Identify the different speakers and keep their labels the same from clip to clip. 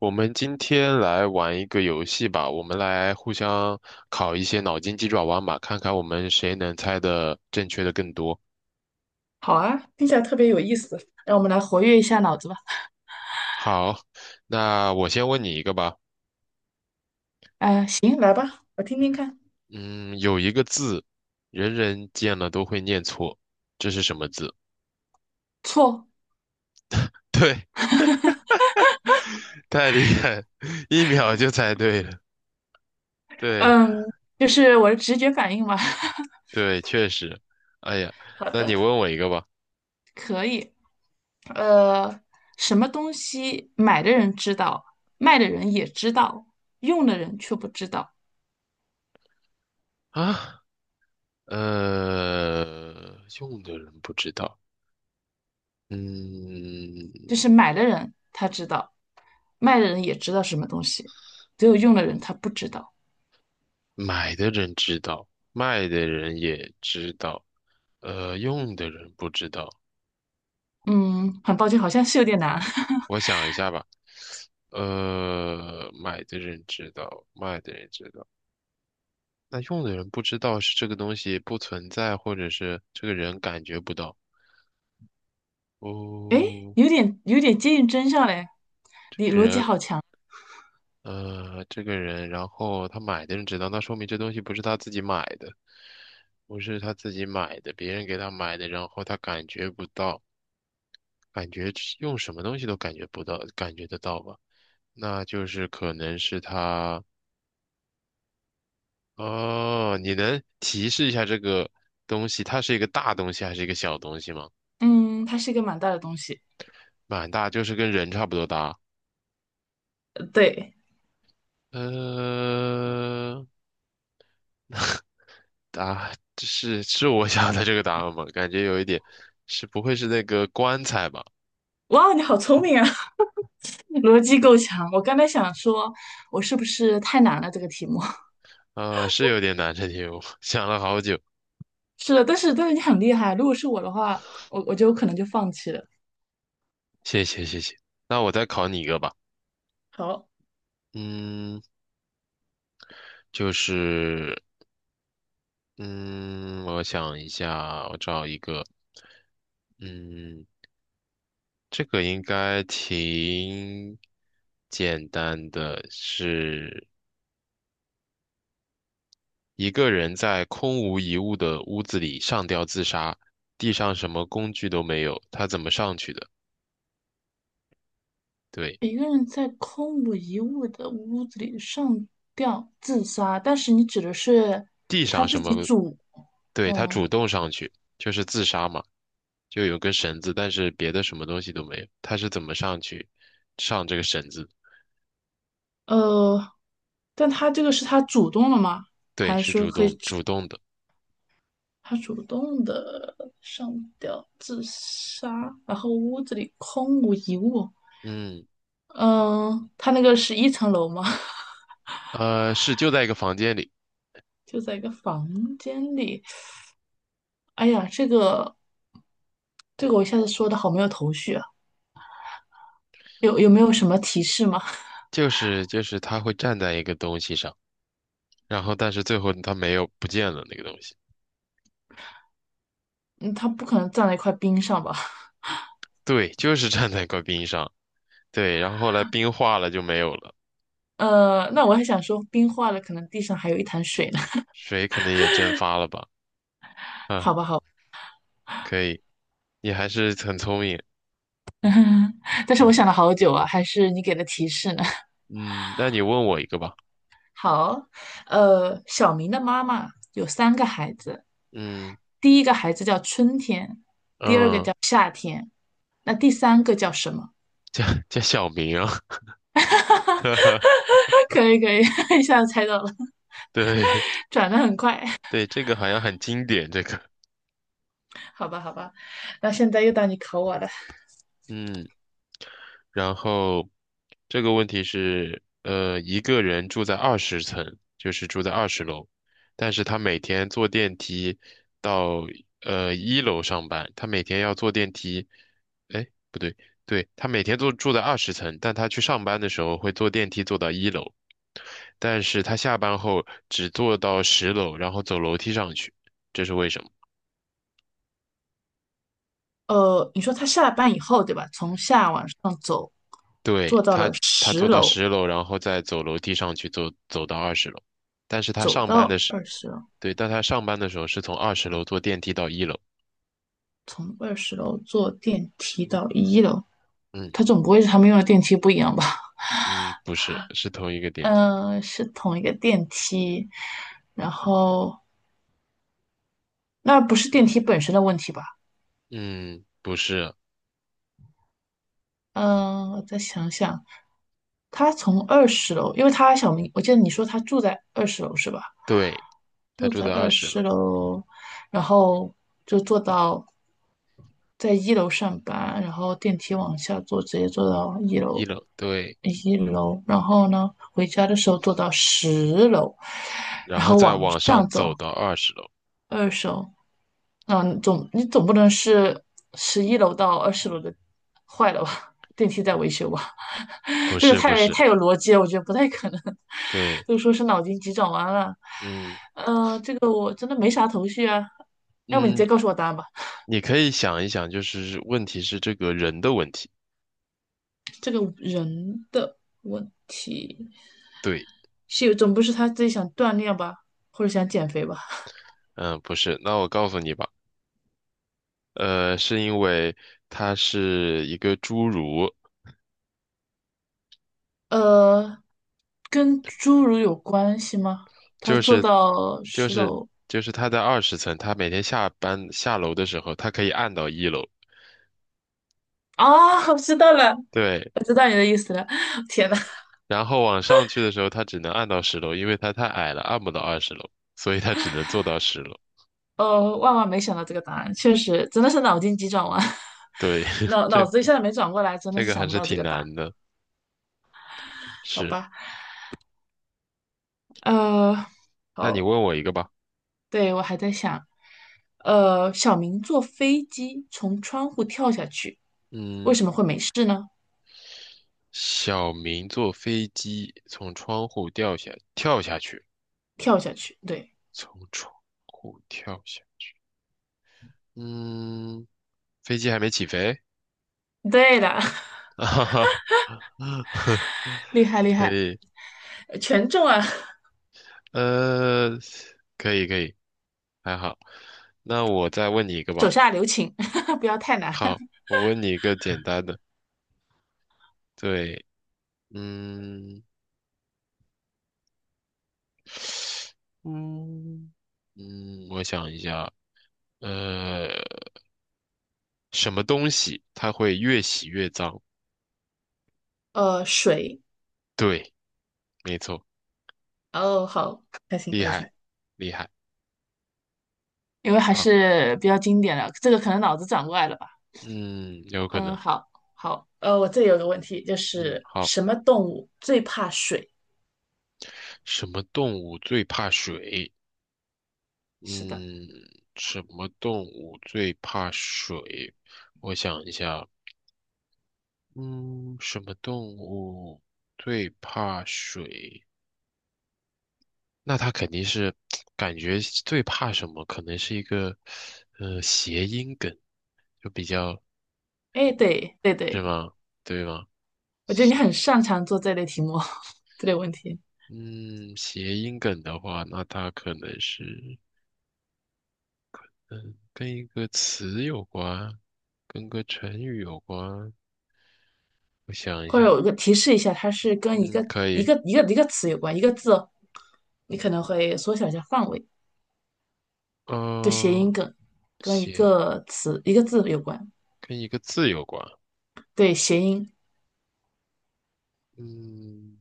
Speaker 1: 我们今天来玩一个游戏吧，我们来互相考一些脑筋急转弯吧，看看我们谁能猜的正确的更多。
Speaker 2: 好啊，听起来特别有意思，让我们来活跃一下脑子吧。
Speaker 1: 好，那我先问你一个吧。
Speaker 2: 行，来吧，我听听看。
Speaker 1: 嗯，有一个字，人人见了都会念错，这是什么字？
Speaker 2: 错，
Speaker 1: 对，太厉害了1秒就猜对了。对，
Speaker 2: 嗯，就是我的直觉反应嘛。
Speaker 1: 对，确实。哎呀，
Speaker 2: 好
Speaker 1: 那你
Speaker 2: 的，
Speaker 1: 问我一个吧。
Speaker 2: 可以。呃，什么东西买的人知道，卖的人也知道，用的人却不知道。
Speaker 1: 啊，呃，用的人不知道。嗯，
Speaker 2: 就是买的人他知道，卖的人也知道什么东西，只有用的人他不知道。
Speaker 1: 买的人知道，卖的人也知道，用的人不知道。
Speaker 2: 嗯，很抱歉，好像是有点难。
Speaker 1: 我想一下吧，买的人知道，卖的人知道，那用的人不知道是这个东西不存在，或者是这个人感觉不到。
Speaker 2: 诶，
Speaker 1: 哦，
Speaker 2: 有点接近真相嘞，
Speaker 1: 这
Speaker 2: 你
Speaker 1: 个
Speaker 2: 逻辑
Speaker 1: 人，
Speaker 2: 好。
Speaker 1: 呃，这个人，然后他买的人知道，那说明这东西不是他自己买的，不是他自己买的，别人给他买的，然后他感觉不到，感觉用什么东西都感觉不到，感觉得到吧？那就是可能是它哦，你能提示一下这个东西，它是一个大东西还是一个小东西吗？
Speaker 2: 嗯，它是一个蛮大的东西。
Speaker 1: 蛮大，就是跟人差不多大。
Speaker 2: 对，
Speaker 1: 呃，这是我想的这个答案吗？感觉有一点，是不会是那个棺材吧？
Speaker 2: 哇，你好聪明啊，逻辑够强。我刚才想说，我是不是太难了这个题目？
Speaker 1: 是有点难这题，我想了好久。
Speaker 2: 是的，但是你很厉害啊。如果是我的话，我就可能就放弃了。
Speaker 1: 谢谢谢谢，那我再考你一个吧。
Speaker 2: 好，
Speaker 1: 嗯，就是嗯，我想一下，我找一个，嗯。这个应该挺简单的，是一个人在空无一物的屋子里上吊自杀，地上什么工具都没有，他怎么上去的？对，
Speaker 2: 一个人在空无一物的屋子里上吊自杀，但是你指的是
Speaker 1: 地
Speaker 2: 他
Speaker 1: 上什
Speaker 2: 自己
Speaker 1: 么？
Speaker 2: 主，
Speaker 1: 对，他
Speaker 2: 嗯
Speaker 1: 主动上去，就是自杀嘛，就有根绳子，但是别的什么东西都没有，他是怎么上去上这个绳子？
Speaker 2: 呃，但他这个是他主动了吗？
Speaker 1: 对，
Speaker 2: 还是
Speaker 1: 是
Speaker 2: 说
Speaker 1: 主
Speaker 2: 可
Speaker 1: 动
Speaker 2: 以？
Speaker 1: 主动的，
Speaker 2: 他主动的上吊自杀，然后屋子里空无一物。
Speaker 1: 嗯，
Speaker 2: 嗯，他那个是一层楼吗？
Speaker 1: 是就在一个房间里，
Speaker 2: 就在一个房间里。哎呀，这个我一下子说的好没有头绪啊，有没有什么提示吗？
Speaker 1: 就是他会站在一个东西上。然后但是最后它没有不见了那个东西，
Speaker 2: 嗯，他不可能站在一块冰上吧？
Speaker 1: 对，就是站在块冰上，对，然后后来冰化了就没有了，
Speaker 2: 那我还想说冰化了，可能地上还有一潭水呢。
Speaker 1: 水可能也蒸发了吧，
Speaker 2: 好
Speaker 1: 啊，
Speaker 2: 吧，好吧，
Speaker 1: 可以，你还是很聪明
Speaker 2: 但是我
Speaker 1: 啊，
Speaker 2: 想了好久啊，还是你给的提示呢。
Speaker 1: 嗯，那你问我一个吧，
Speaker 2: 好，小明的妈妈有3个孩子，
Speaker 1: 嗯
Speaker 2: 第一个孩子叫春天，
Speaker 1: 嗯，
Speaker 2: 那第三个叫什么？
Speaker 1: 叫小明啊，哈哈
Speaker 2: 可以可以，一下子猜到了，
Speaker 1: 对，
Speaker 2: 转的很快，
Speaker 1: 对，这个好像很经典，这个，
Speaker 2: 好吧好吧，那现在又到你考我了。
Speaker 1: 嗯。然后这个问题是，一个人住在二十层，就是住在二十楼，但是他每天坐电梯到一楼上班，他每天要坐电梯，哎，不对，对，他每天都住在二十层，但他去上班的时候会坐电梯坐到一楼，但是他下班后只坐到十楼，然后走楼梯上去，这是为什么？
Speaker 2: 你说他下了班以后，对吧？从下往上走，
Speaker 1: 对，
Speaker 2: 坐到了
Speaker 1: 他
Speaker 2: 十
Speaker 1: 坐到
Speaker 2: 楼，
Speaker 1: 十楼，然后再走楼梯上去，走到二十楼。但是他
Speaker 2: 走
Speaker 1: 上班的
Speaker 2: 到
Speaker 1: 时，
Speaker 2: 二十楼，
Speaker 1: 对，但他上班的时候是从二十楼坐电梯到一楼。
Speaker 2: 从二十楼坐电梯到一楼。
Speaker 1: 嗯
Speaker 2: 他总不会是他们用的电梯不一样吧？
Speaker 1: 嗯，不是，是同一个 电梯。
Speaker 2: 嗯、是同一个电梯，然后那不是电梯本身的问题吧？
Speaker 1: 嗯，不是，
Speaker 2: 嗯，我再想想，他从二十楼，因为他小明，我记得你说他住在二十楼是吧？
Speaker 1: 对，他
Speaker 2: 住
Speaker 1: 住
Speaker 2: 在
Speaker 1: 在二
Speaker 2: 二
Speaker 1: 十
Speaker 2: 十
Speaker 1: 楼，
Speaker 2: 楼，然后就坐到在一楼上班，然后电梯往下坐，直接坐到一
Speaker 1: 一
Speaker 2: 楼，
Speaker 1: 楼，对，
Speaker 2: 一楼，然后呢，回家的时候坐到十楼，
Speaker 1: 然
Speaker 2: 然
Speaker 1: 后
Speaker 2: 后
Speaker 1: 再
Speaker 2: 往
Speaker 1: 往上
Speaker 2: 上
Speaker 1: 走
Speaker 2: 走
Speaker 1: 到二十楼。
Speaker 2: 二楼，嗯，你总不能是11楼到20楼的坏了吧？电梯在维修吧？
Speaker 1: 不
Speaker 2: 这个
Speaker 1: 是，不
Speaker 2: 太
Speaker 1: 是，
Speaker 2: 太有逻辑了，我觉得不太可能。
Speaker 1: 对，
Speaker 2: 都说是脑筋急转弯了，
Speaker 1: 嗯
Speaker 2: 这个我真的没啥头绪啊。要不你直
Speaker 1: 嗯，
Speaker 2: 接告诉我答案吧。
Speaker 1: 你可以想一想，就是问题是这个人的问题。
Speaker 2: 这个人的问题
Speaker 1: 对，
Speaker 2: 是有，总不是他自己想锻炼吧，或者想减肥吧？
Speaker 1: 嗯，不是，那我告诉你吧。是因为它是一个侏儒，
Speaker 2: 呃，跟侏儒有关系吗？他
Speaker 1: 就
Speaker 2: 坐
Speaker 1: 是
Speaker 2: 到
Speaker 1: 就
Speaker 2: 十
Speaker 1: 是
Speaker 2: 楼
Speaker 1: 就是他在二十层，他每天下班下楼的时候，他可以按到一楼，
Speaker 2: 啊，我知道了，
Speaker 1: 对，
Speaker 2: 我知道你的意思了。天呐，
Speaker 1: 然后往上去的时候，他只能按到十楼，因为他太矮了，按不到二十楼，所以他只能做到十楼。
Speaker 2: 哦，万万没想到这个答案，确实真的是脑筋急转弯，
Speaker 1: 对，
Speaker 2: 脑脑
Speaker 1: 这
Speaker 2: 子一下子没转过来，真的
Speaker 1: 这
Speaker 2: 是
Speaker 1: 个还
Speaker 2: 想不
Speaker 1: 是
Speaker 2: 到这
Speaker 1: 挺
Speaker 2: 个答案。
Speaker 1: 难的。
Speaker 2: 好
Speaker 1: 是，
Speaker 2: 吧，呃，
Speaker 1: 那你
Speaker 2: 好，
Speaker 1: 问我一个吧。
Speaker 2: 对，我还在想，小明坐飞机从窗户跳下去，为
Speaker 1: 嗯，
Speaker 2: 什么会没事呢？
Speaker 1: 小明坐飞机从窗户掉下，跳下去，
Speaker 2: 跳下去，对，
Speaker 1: 从窗户跳下。嗯，飞机还没起飞？
Speaker 2: 对的，
Speaker 1: 啊哈哈，
Speaker 2: 厉害厉
Speaker 1: 可
Speaker 2: 害，
Speaker 1: 以，
Speaker 2: 全中啊！
Speaker 1: 呃，可以可以，还好。那我再问你一个吧。
Speaker 2: 手下留情，不要太难。
Speaker 1: 好，我问你一个简单的。对，嗯嗯嗯，我想一下，呃，什么东西它会越洗越脏？
Speaker 2: 水，
Speaker 1: 对，没错，
Speaker 2: 哦，好，开心
Speaker 1: 厉
Speaker 2: 开心。
Speaker 1: 害厉害。
Speaker 2: 因为还
Speaker 1: 好，
Speaker 2: 是比较经典的，这个可能脑子转不过来了吧？
Speaker 1: 嗯，有可
Speaker 2: 嗯，
Speaker 1: 能。
Speaker 2: 好，好，我这里有个问题，就
Speaker 1: 嗯，
Speaker 2: 是
Speaker 1: 好，
Speaker 2: 什么动物最怕水？
Speaker 1: 什么动物最怕水？
Speaker 2: 是的，
Speaker 1: 嗯，什么动物最怕水？我想一下，嗯，什么动物最怕水？那它肯定是 感觉最怕什么？可能是一个谐音梗，就比较，
Speaker 2: 哎，对，对对，
Speaker 1: 是吗？对吗？
Speaker 2: 我觉得你很擅长做这类题目，这类问题，
Speaker 1: 嗯，谐音梗的话，那它可能是嗯跟一个词有关，跟个成语有关。我想一
Speaker 2: 或者
Speaker 1: 想，
Speaker 2: 我个提示一下，它是跟
Speaker 1: 嗯，可以，
Speaker 2: 一个词有关，一个字哦，你可能会缩小一下范围，就谐
Speaker 1: 呃。
Speaker 2: 音梗，跟一
Speaker 1: 写
Speaker 2: 个词一个字有关，
Speaker 1: 跟一个字有关。
Speaker 2: 对，谐音，
Speaker 1: 嗯，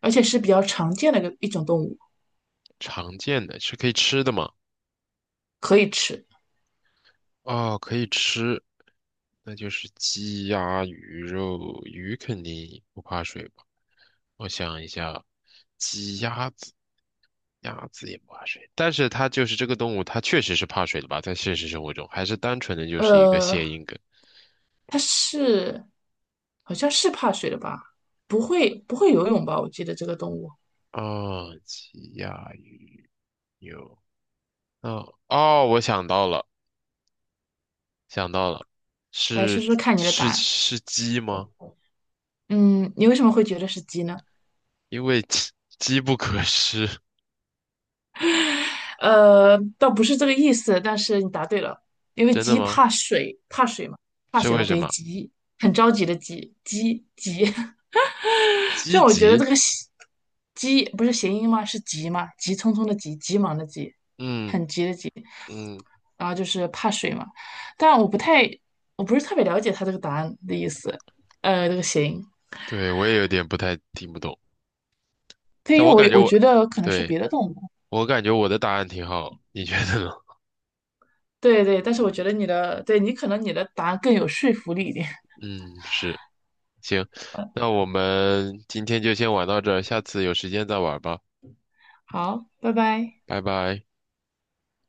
Speaker 2: 而且是比较常见的一种动物，
Speaker 1: 常见的是可以吃的吗？
Speaker 2: 可以吃，
Speaker 1: 哦，可以吃，那就是鸡鸭鱼肉。鱼肯定不怕水吧？我想一下，鸡鸭子，鸭子也不怕水，但是它就是这个动物，它确实是怕水的吧？在现实生活中，还是单纯的就是一个谐
Speaker 2: 呃，
Speaker 1: 音梗。
Speaker 2: 它是好像是怕水的吧？不会游泳吧？我记得这个动物。
Speaker 1: 啊？哦鸡鸭鱼肉。哦哦，我想到了，想到了，
Speaker 2: 来
Speaker 1: 是
Speaker 2: 说说看你的答
Speaker 1: 是
Speaker 2: 案。
Speaker 1: 是鸡吗？
Speaker 2: 嗯，你为什么会觉得是鸡呢？
Speaker 1: 因为机不可失，
Speaker 2: 倒不是这个意思，但是你答对了，因为
Speaker 1: 真的
Speaker 2: 鸡
Speaker 1: 吗？
Speaker 2: 怕水，怕水嘛，怕
Speaker 1: 是
Speaker 2: 水
Speaker 1: 为
Speaker 2: 嘛等
Speaker 1: 什
Speaker 2: 于
Speaker 1: 么？
Speaker 2: 急，很着急的急，急急。虽
Speaker 1: 积
Speaker 2: 然我觉得这
Speaker 1: 极？
Speaker 2: 个喜急不是谐音吗？是急吗？急匆匆的急，急忙的急，
Speaker 1: 嗯
Speaker 2: 很急的急。
Speaker 1: 嗯，
Speaker 2: 然后就是怕水嘛，但我不太，我不是特别了解它这个答案的意思，这个谐音。
Speaker 1: 对，我也有点不太听不懂，
Speaker 2: 对，
Speaker 1: 但
Speaker 2: 因
Speaker 1: 我感
Speaker 2: 为
Speaker 1: 觉
Speaker 2: 我
Speaker 1: 我，
Speaker 2: 觉得可能是
Speaker 1: 对，
Speaker 2: 别的动物。
Speaker 1: 我感觉我的答案挺好，你觉得呢？
Speaker 2: 对对，但是我觉得你的，对你可能你的答案更有说服力一点。
Speaker 1: 嗯，是，行，那我们今天就先玩到这儿，下次有时间再玩吧，
Speaker 2: 好，拜拜。
Speaker 1: 拜拜。